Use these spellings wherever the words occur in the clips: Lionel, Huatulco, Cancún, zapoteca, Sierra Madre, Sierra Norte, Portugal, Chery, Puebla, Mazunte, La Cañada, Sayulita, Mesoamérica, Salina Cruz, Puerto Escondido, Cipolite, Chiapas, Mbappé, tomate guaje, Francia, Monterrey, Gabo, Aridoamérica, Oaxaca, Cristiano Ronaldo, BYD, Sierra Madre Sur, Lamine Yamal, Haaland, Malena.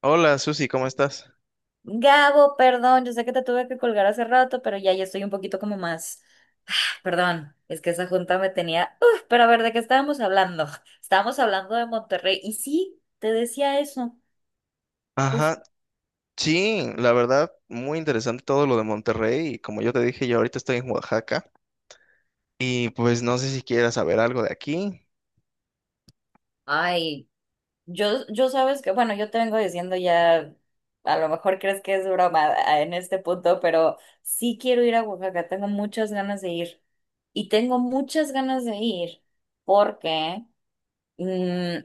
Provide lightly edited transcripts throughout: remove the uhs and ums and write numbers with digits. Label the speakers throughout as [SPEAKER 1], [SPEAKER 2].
[SPEAKER 1] Hola Susi, ¿cómo estás?
[SPEAKER 2] Gabo, perdón, yo sé que te tuve que colgar hace rato, pero ya estoy un poquito como más. Ah, Perdón, es que esa junta me tenía. Uf, pero a ver, ¿de qué estábamos hablando? Estábamos hablando de Monterrey. Y sí, te decía eso. Pues,
[SPEAKER 1] Ajá, sí, la verdad, muy interesante todo lo de Monterrey y como yo te dije, yo ahorita estoy en Oaxaca y pues no sé si quieras saber algo de aquí.
[SPEAKER 2] ay, yo sabes que, bueno, yo te vengo diciendo ya, a lo mejor crees que es broma en este punto, pero sí quiero ir a Oaxaca, tengo muchas ganas de ir. Y tengo muchas ganas de ir porque mm,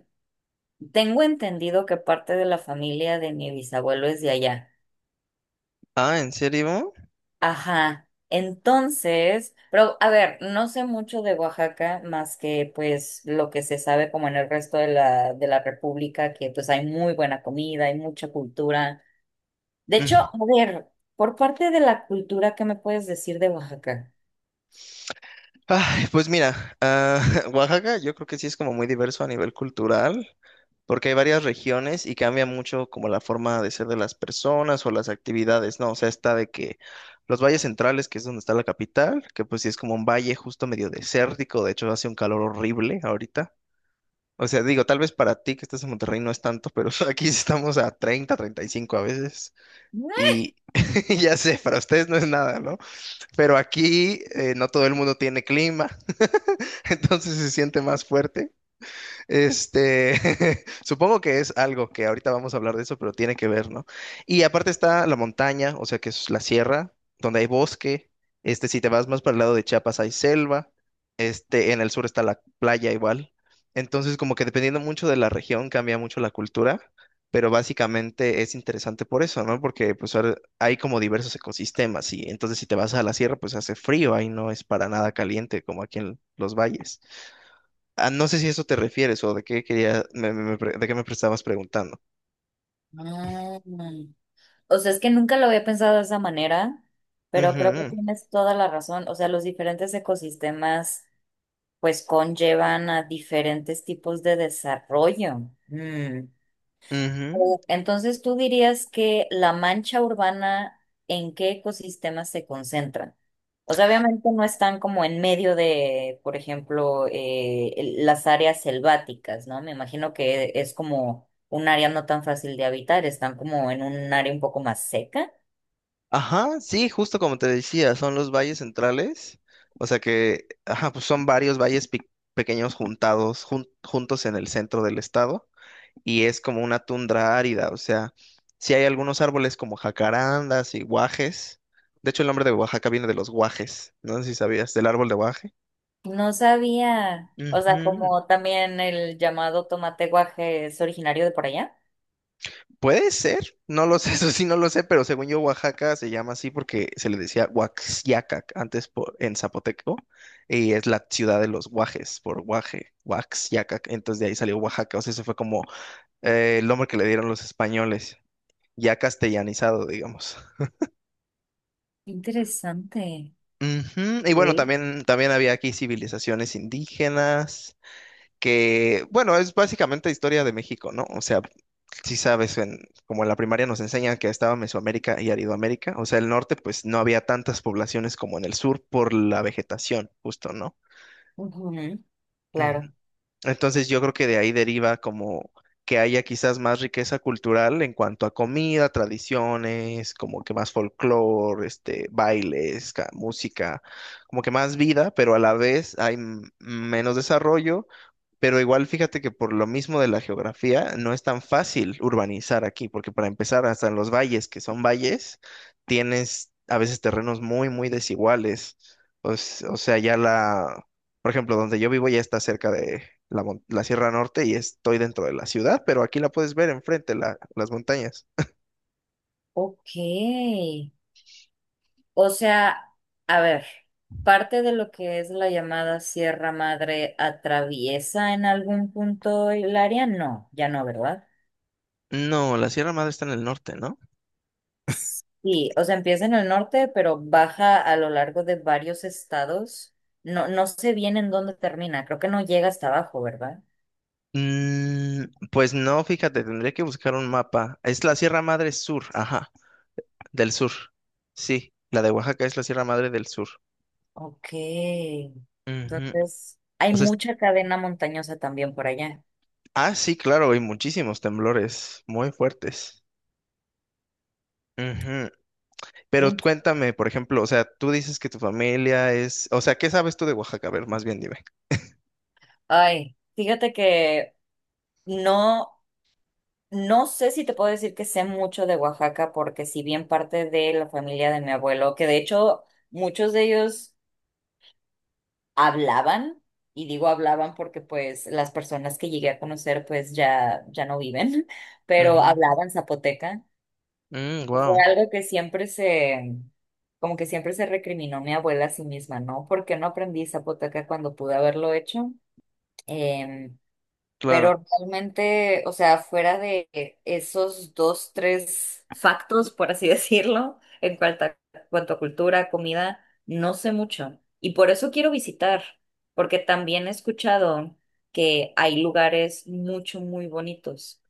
[SPEAKER 2] tengo entendido que parte de la familia de mi bisabuelo es de allá.
[SPEAKER 1] Ah, ¿en serio?
[SPEAKER 2] Ajá. Entonces, pero a ver, no sé mucho de Oaxaca más que pues lo que se sabe como en el resto de la República, que pues hay muy buena comida, hay mucha cultura. De hecho,
[SPEAKER 1] Mm.
[SPEAKER 2] a ver, por parte de la cultura, ¿qué me puedes decir de Oaxaca?
[SPEAKER 1] Ay, pues mira, Oaxaca yo creo que sí es como muy diverso a nivel cultural porque hay varias regiones y cambia mucho como la forma de ser de las personas o las actividades, ¿no? O sea, está de que los valles centrales, que es donde está la capital, que pues sí es como un valle justo medio desértico, de hecho hace un calor horrible ahorita. O sea, digo, tal vez para ti que estás en Monterrey no es tanto, pero aquí estamos a 30, 35 a veces. Y ya sé, para ustedes no es nada, ¿no? Pero aquí no todo el mundo tiene clima, entonces se siente más fuerte. Supongo que es algo que ahorita vamos a hablar de eso, pero tiene que ver, ¿no? Y aparte está la montaña, o sea, que es la sierra, donde hay bosque. Si te vas más para el lado de Chiapas hay selva. En el sur está la playa igual. Entonces, como que dependiendo mucho de la región cambia mucho la cultura, pero básicamente es interesante por eso, ¿no? Porque pues ahora hay como diversos ecosistemas y entonces si te vas a la sierra, pues hace frío, ahí no es para nada caliente como aquí en los valles. Ah, no sé si a eso te refieres o de qué quería, de qué me estabas preguntando.
[SPEAKER 2] Ah, O sea, es que nunca lo había pensado de esa manera, pero creo que
[SPEAKER 1] Ujú,
[SPEAKER 2] tienes toda la razón. O sea, los diferentes ecosistemas pues conllevan a diferentes tipos de desarrollo. Mm.
[SPEAKER 1] ujú.
[SPEAKER 2] Entonces, ¿tú dirías que la mancha urbana en qué ecosistemas se concentran? O sea, obviamente no están como en medio de, por ejemplo, las áreas selváticas, ¿no? Me imagino que es como un área no tan fácil de habitar, están como en un área un poco más seca.
[SPEAKER 1] Ajá, sí, justo como te decía, son los valles centrales. O sea que, ajá, pues son varios valles pequeños juntados, juntos en el centro del estado. Y es como una tundra árida. O sea, sí hay algunos árboles como jacarandas y guajes. De hecho, el nombre de Oaxaca viene de los guajes. No sé si sabías, del árbol de guaje.
[SPEAKER 2] No sabía, o sea,
[SPEAKER 1] Ujú.
[SPEAKER 2] como también el llamado tomate guaje es originario de por allá.
[SPEAKER 1] Puede ser, no lo sé, eso sí no lo sé, pero según yo Oaxaca se llama así porque se le decía Huaxiacac antes por, en zapoteco y es la ciudad de los guajes por guaje, Huaxiacac, entonces de ahí salió Oaxaca, o sea, eso fue como el nombre que le dieron los españoles, ya castellanizado, digamos.
[SPEAKER 2] Interesante.
[SPEAKER 1] Ujú. Y bueno,
[SPEAKER 2] Sí,
[SPEAKER 1] también, también había aquí civilizaciones indígenas, que, bueno, es básicamente historia de México, ¿no? O sea, sí sabes, en, como en la primaria nos enseñan que estaba Mesoamérica y Aridoamérica, o sea, el norte pues no había tantas poblaciones como en el sur por la vegetación, justo, ¿no?
[SPEAKER 2] ujú,
[SPEAKER 1] Ujú.
[SPEAKER 2] claro.
[SPEAKER 1] Entonces yo creo que de ahí deriva como que haya quizás más riqueza cultural en cuanto a comida, tradiciones, como que más folclore, este, bailes, música, como que más vida, pero a la vez hay menos desarrollo, pero igual fíjate que por lo mismo de la geografía no es tan fácil urbanizar aquí, porque para empezar, hasta en los valles, que son valles, tienes a veces terrenos muy, muy desiguales. O sea, ya la, por ejemplo, donde yo vivo ya está cerca de la, la Sierra Norte y estoy dentro de la ciudad, pero aquí la puedes ver enfrente, las montañas.
[SPEAKER 2] Ok. O sea, a ver, parte de lo que es la llamada Sierra Madre atraviesa en algún punto el área, no, ya no, ¿verdad?
[SPEAKER 1] No, la Sierra Madre está en el norte, ¿no?
[SPEAKER 2] Sí, o sea, empieza en el norte, pero baja a lo largo de varios estados. No, no sé bien en dónde termina, creo que no llega hasta abajo, ¿verdad?
[SPEAKER 1] Mm, pues no, fíjate, tendría que buscar un mapa. Es la Sierra Madre Sur, ajá. Del sur. Sí, la de Oaxaca es la Sierra Madre del Sur.
[SPEAKER 2] Ok.
[SPEAKER 1] Ujú.
[SPEAKER 2] Entonces, hay
[SPEAKER 1] O sea, es-
[SPEAKER 2] mucha cadena montañosa también por allá.
[SPEAKER 1] ah, sí, claro, hay muchísimos temblores muy fuertes. Ujú. Pero cuéntame, por ejemplo, o sea, tú dices que tu familia es, o sea, ¿qué sabes tú de Oaxaca? A ver, más bien dime.
[SPEAKER 2] Ay, fíjate que no, no sé si te puedo decir que sé mucho de Oaxaca, porque si bien parte de la familia de mi abuelo, que de hecho muchos de ellos hablaban, y digo hablaban porque pues las personas que llegué a conocer pues ya no viven, pero hablaban zapoteca. Pues, fue
[SPEAKER 1] Wow,
[SPEAKER 2] algo que como que siempre se recriminó mi abuela a sí misma, ¿no? ¿Por qué no aprendí zapoteca cuando pude haberlo hecho? Em,
[SPEAKER 1] claro.
[SPEAKER 2] Pero realmente, o sea, fuera de esos dos, tres factos, por así decirlo, en cuanto a cultura, comida, no sé mucho. Y por eso quiero visitar, porque también he escuchado que hay lugares mucho, muy bonitos.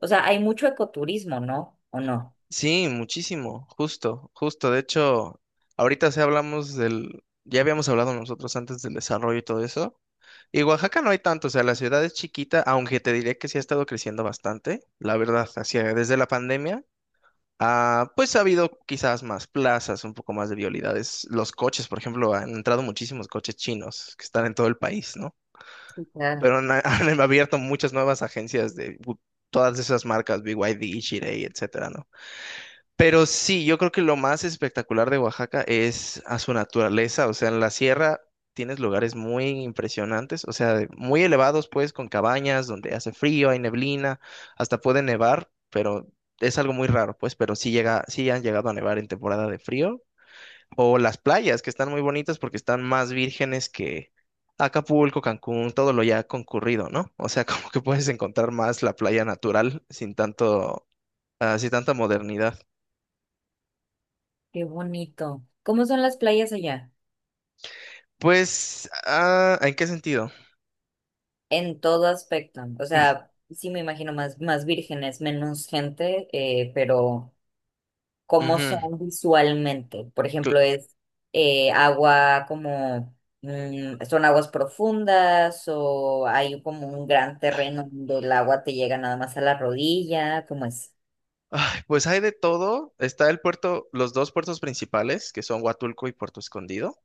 [SPEAKER 2] O sea, hay mucho ecoturismo, ¿no? ¿O no?
[SPEAKER 1] Sí, muchísimo, justo, justo. De hecho, ahorita sí hablamos del, ya habíamos hablado nosotros antes del desarrollo y todo eso. Y Oaxaca no hay tanto, o sea, la ciudad es chiquita, aunque te diré que sí ha estado creciendo bastante, la verdad, hacia, desde la pandemia. Ah, pues ha habido quizás más plazas, un poco más de violidades. Los coches, por ejemplo, han entrado muchísimos coches chinos que están en todo el país, ¿no?
[SPEAKER 2] Claro.
[SPEAKER 1] Pero han, han abierto muchas nuevas agencias de todas esas marcas, BYD, Chery, etcétera, ¿no? Pero sí, yo creo que lo más espectacular de Oaxaca es a su naturaleza, o sea, en la sierra tienes lugares muy impresionantes, o sea, muy elevados pues, con cabañas donde hace frío, hay neblina, hasta puede nevar, pero es algo muy raro pues, pero sí llega, sí han llegado a nevar en temporada de frío, o las playas que están muy bonitas porque están más vírgenes que Acapulco, Cancún, todo lo ya concurrido, ¿no? O sea, como que puedes encontrar más la playa natural sin tanto, sin tanta modernidad.
[SPEAKER 2] Qué bonito. ¿Cómo son las playas allá?
[SPEAKER 1] Pues, ah, ¿en qué sentido?
[SPEAKER 2] En todo aspecto. O sea, sí me imagino más vírgenes, menos gente, pero.
[SPEAKER 1] Mm,
[SPEAKER 2] Cómo
[SPEAKER 1] ujú.
[SPEAKER 2] son visualmente. Por
[SPEAKER 1] Cl-
[SPEAKER 2] ejemplo, es agua como, son aguas profundas o hay como un gran terreno donde el agua te llega nada más a la rodilla, ¿cómo es?
[SPEAKER 1] ay, pues hay de todo. Está el puerto, los dos puertos principales, que son Huatulco y Puerto Escondido.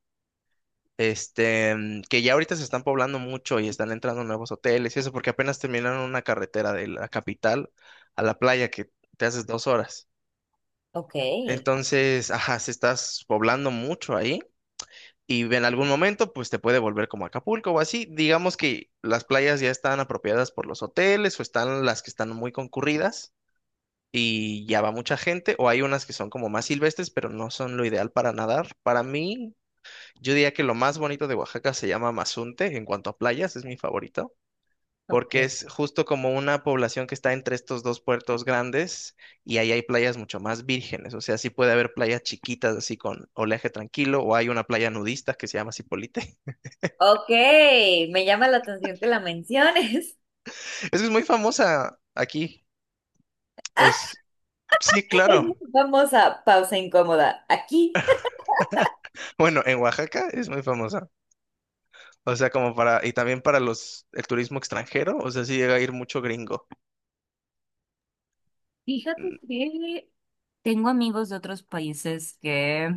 [SPEAKER 1] Mm, que ya ahorita se están poblando mucho y están entrando nuevos hoteles y eso, porque apenas terminaron una carretera de la capital a la playa que te haces 2 horas.
[SPEAKER 2] Ok,
[SPEAKER 1] Entonces, ajá, se estás poblando mucho ahí y en algún momento pues te puede volver como Acapulco o así. Digamos que las playas ya están apropiadas por los hoteles o están las que están muy concurridas y ya va mucha gente o hay unas que son como más silvestres pero no son lo ideal para nadar. Para mí, yo diría que lo más bonito de Oaxaca se llama Mazunte en cuanto a playas, es mi favorito. Porque
[SPEAKER 2] ok.
[SPEAKER 1] es justo como una población que está entre estos dos puertos grandes y ahí hay playas mucho más vírgenes. O sea, sí puede haber playas chiquitas así con oleaje tranquilo o hay una playa nudista que se llama Cipolite.
[SPEAKER 2] Ok, me llama la atención que la menciones.
[SPEAKER 1] Es que es muy famosa aquí. Os- sí,
[SPEAKER 2] Es
[SPEAKER 1] claro.
[SPEAKER 2] muy famosa pausa incómoda. Aquí.
[SPEAKER 1] Bueno, en Oaxaca es muy famosa. O sea, como para, y también para los, el turismo extranjero, o sea, sí llega a ir mucho gringo.
[SPEAKER 2] Fíjate que tengo amigos de otros países que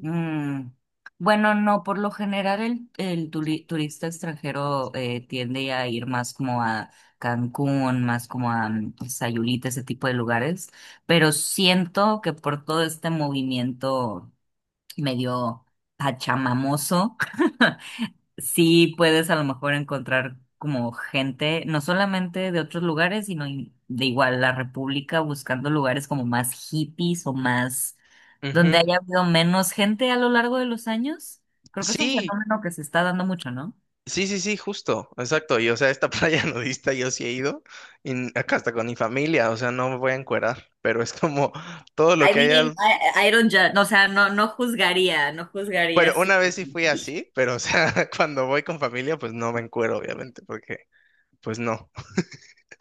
[SPEAKER 2] Mm, bueno, no, por lo general el turista extranjero tiende a ir más como a Cancún, más como a Sayulita, ese tipo de lugares, pero siento que por todo este movimiento medio pachamamoso, sí puedes a lo mejor encontrar como gente, no solamente de otros lugares, sino de igual la República, buscando lugares como más hippies o más donde
[SPEAKER 1] Ujú.
[SPEAKER 2] haya habido menos gente a lo largo de los años. Creo que es un
[SPEAKER 1] Sí,
[SPEAKER 2] fenómeno que se está dando mucho, ¿no?
[SPEAKER 1] sí, sí, sí, justo, exacto. Y o sea, esta playa nudista yo sí he ido, y acá hasta con mi familia, o sea, no me voy a encuerar, pero es como todo lo
[SPEAKER 2] I
[SPEAKER 1] que hay
[SPEAKER 2] mean,
[SPEAKER 1] al...
[SPEAKER 2] I don't ju- o sea, no, no juzgaría, no
[SPEAKER 1] Bueno,
[SPEAKER 2] juzgaría si.
[SPEAKER 1] una vez sí fui así, pero o sea, cuando voy con familia, pues no me encuero, obviamente, porque pues no.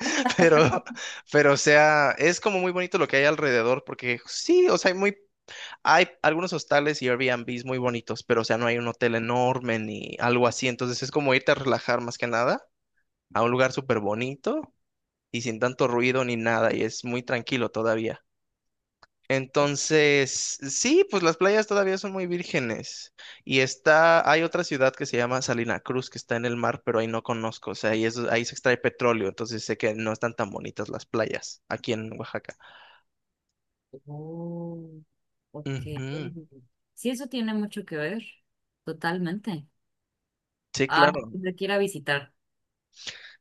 [SPEAKER 1] Pero, pero, o sea, es como muy bonito lo que hay alrededor, porque sí, o sea, hay muy, hay algunos hostales y Airbnbs muy bonitos, pero, o sea, no hay un hotel enorme ni algo así. Entonces es como irte a relajar más que nada a un lugar súper bonito y sin tanto ruido ni nada, y es muy tranquilo todavía. Entonces, sí, pues las playas todavía son muy vírgenes. Y está, hay otra ciudad que se llama Salina Cruz, que está en el mar, pero ahí no conozco. O sea, ahí, ahí se extrae petróleo, entonces sé que no están tan bonitas las playas aquí en Oaxaca.
[SPEAKER 2] Oh, ok.
[SPEAKER 1] Ujú.
[SPEAKER 2] Sí, eso tiene mucho que ver, totalmente.
[SPEAKER 1] Sí,
[SPEAKER 2] Ah,
[SPEAKER 1] claro.
[SPEAKER 2] te quiera visitar.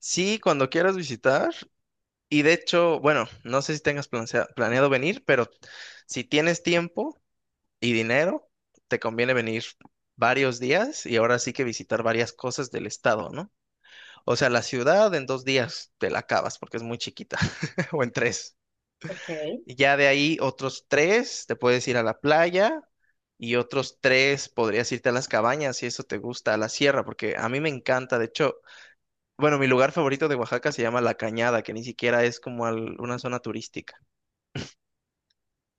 [SPEAKER 1] Sí, cuando quieras visitar. Y de hecho, bueno, no sé si tengas planeado venir, pero si tienes tiempo y dinero, te conviene venir varios días y ahora sí que visitar varias cosas del estado, ¿no? O sea, la ciudad en 2 días te la acabas porque es muy chiquita, o en tres.
[SPEAKER 2] Ok.
[SPEAKER 1] Y ya de ahí otros tres te puedes ir a la playa y otros tres podrías irte a las cabañas si eso te gusta, a la sierra, porque a mí me encanta. De hecho, bueno, mi lugar favorito de Oaxaca se llama La Cañada, que ni siquiera es como una zona turística.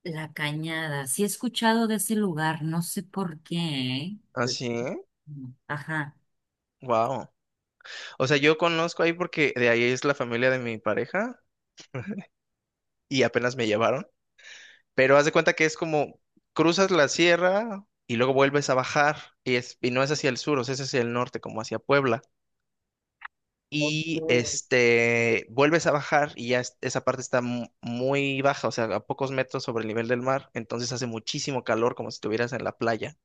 [SPEAKER 2] La Cañada. Sí he escuchado de ese lugar, no sé por qué. ¿Eh?
[SPEAKER 1] Así,
[SPEAKER 2] Ajá.
[SPEAKER 1] wow. O sea, yo conozco ahí porque de ahí es la familia de mi pareja y apenas me llevaron. Pero haz de cuenta que es como cruzas la sierra y luego vuelves a bajar y, es, y no es hacia el sur, o sea, es hacia el norte, como hacia Puebla.
[SPEAKER 2] Ok.
[SPEAKER 1] Y este, vuelves a bajar y ya esa parte está muy baja, o sea, a pocos metros sobre el nivel del mar, entonces hace muchísimo calor como si estuvieras en la playa.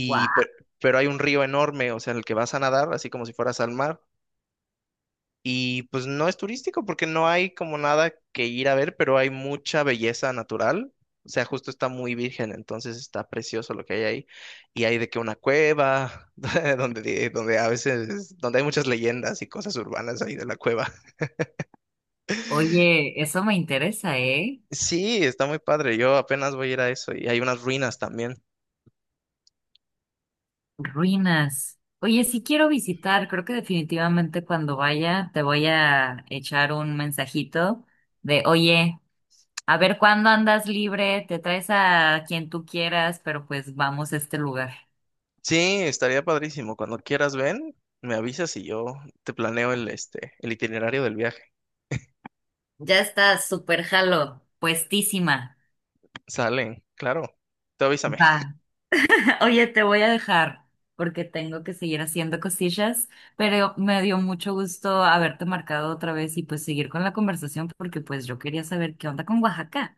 [SPEAKER 2] Guau.
[SPEAKER 1] pero, hay un río enorme, o sea, en el que vas a nadar, así como si fueras al mar. Y pues no es turístico porque no hay como nada que ir a ver, pero hay mucha belleza natural. O sea, justo está muy virgen, entonces está precioso lo que hay ahí. Y hay de que una cueva, donde, donde a veces, donde hay muchas leyendas y cosas urbanas ahí de la cueva.
[SPEAKER 2] Oye, eso me interesa, ¿eh?
[SPEAKER 1] Sí, está muy padre. Yo apenas voy a ir a eso y hay unas ruinas también.
[SPEAKER 2] Ruinas. Oye, sí quiero visitar. Creo que definitivamente cuando vaya te voy a echar un mensajito de, oye, a ver cuándo andas libre, te traes a quien tú quieras, pero pues vamos a este lugar.
[SPEAKER 1] Sí, estaría padrísimo. Cuando quieras ven, me avisas y yo te planeo el, este, el itinerario del viaje.
[SPEAKER 2] Ya está, súper jalo, puestísima.
[SPEAKER 1] Salen, claro. Tú avísame.
[SPEAKER 2] Va. Oye, te voy a dejar porque tengo que seguir haciendo cosillas, pero me dio mucho gusto haberte marcado otra vez y pues seguir con la conversación porque pues yo quería saber qué onda con Oaxaca.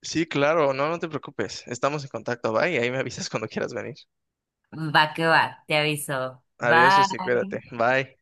[SPEAKER 1] Sí, claro, no, no te preocupes. Estamos en contacto, bye. Ahí me avisas cuando quieras venir.
[SPEAKER 2] Va que va, te aviso.
[SPEAKER 1] Adiós, Susi,
[SPEAKER 2] Bye.
[SPEAKER 1] cuídate. Bye.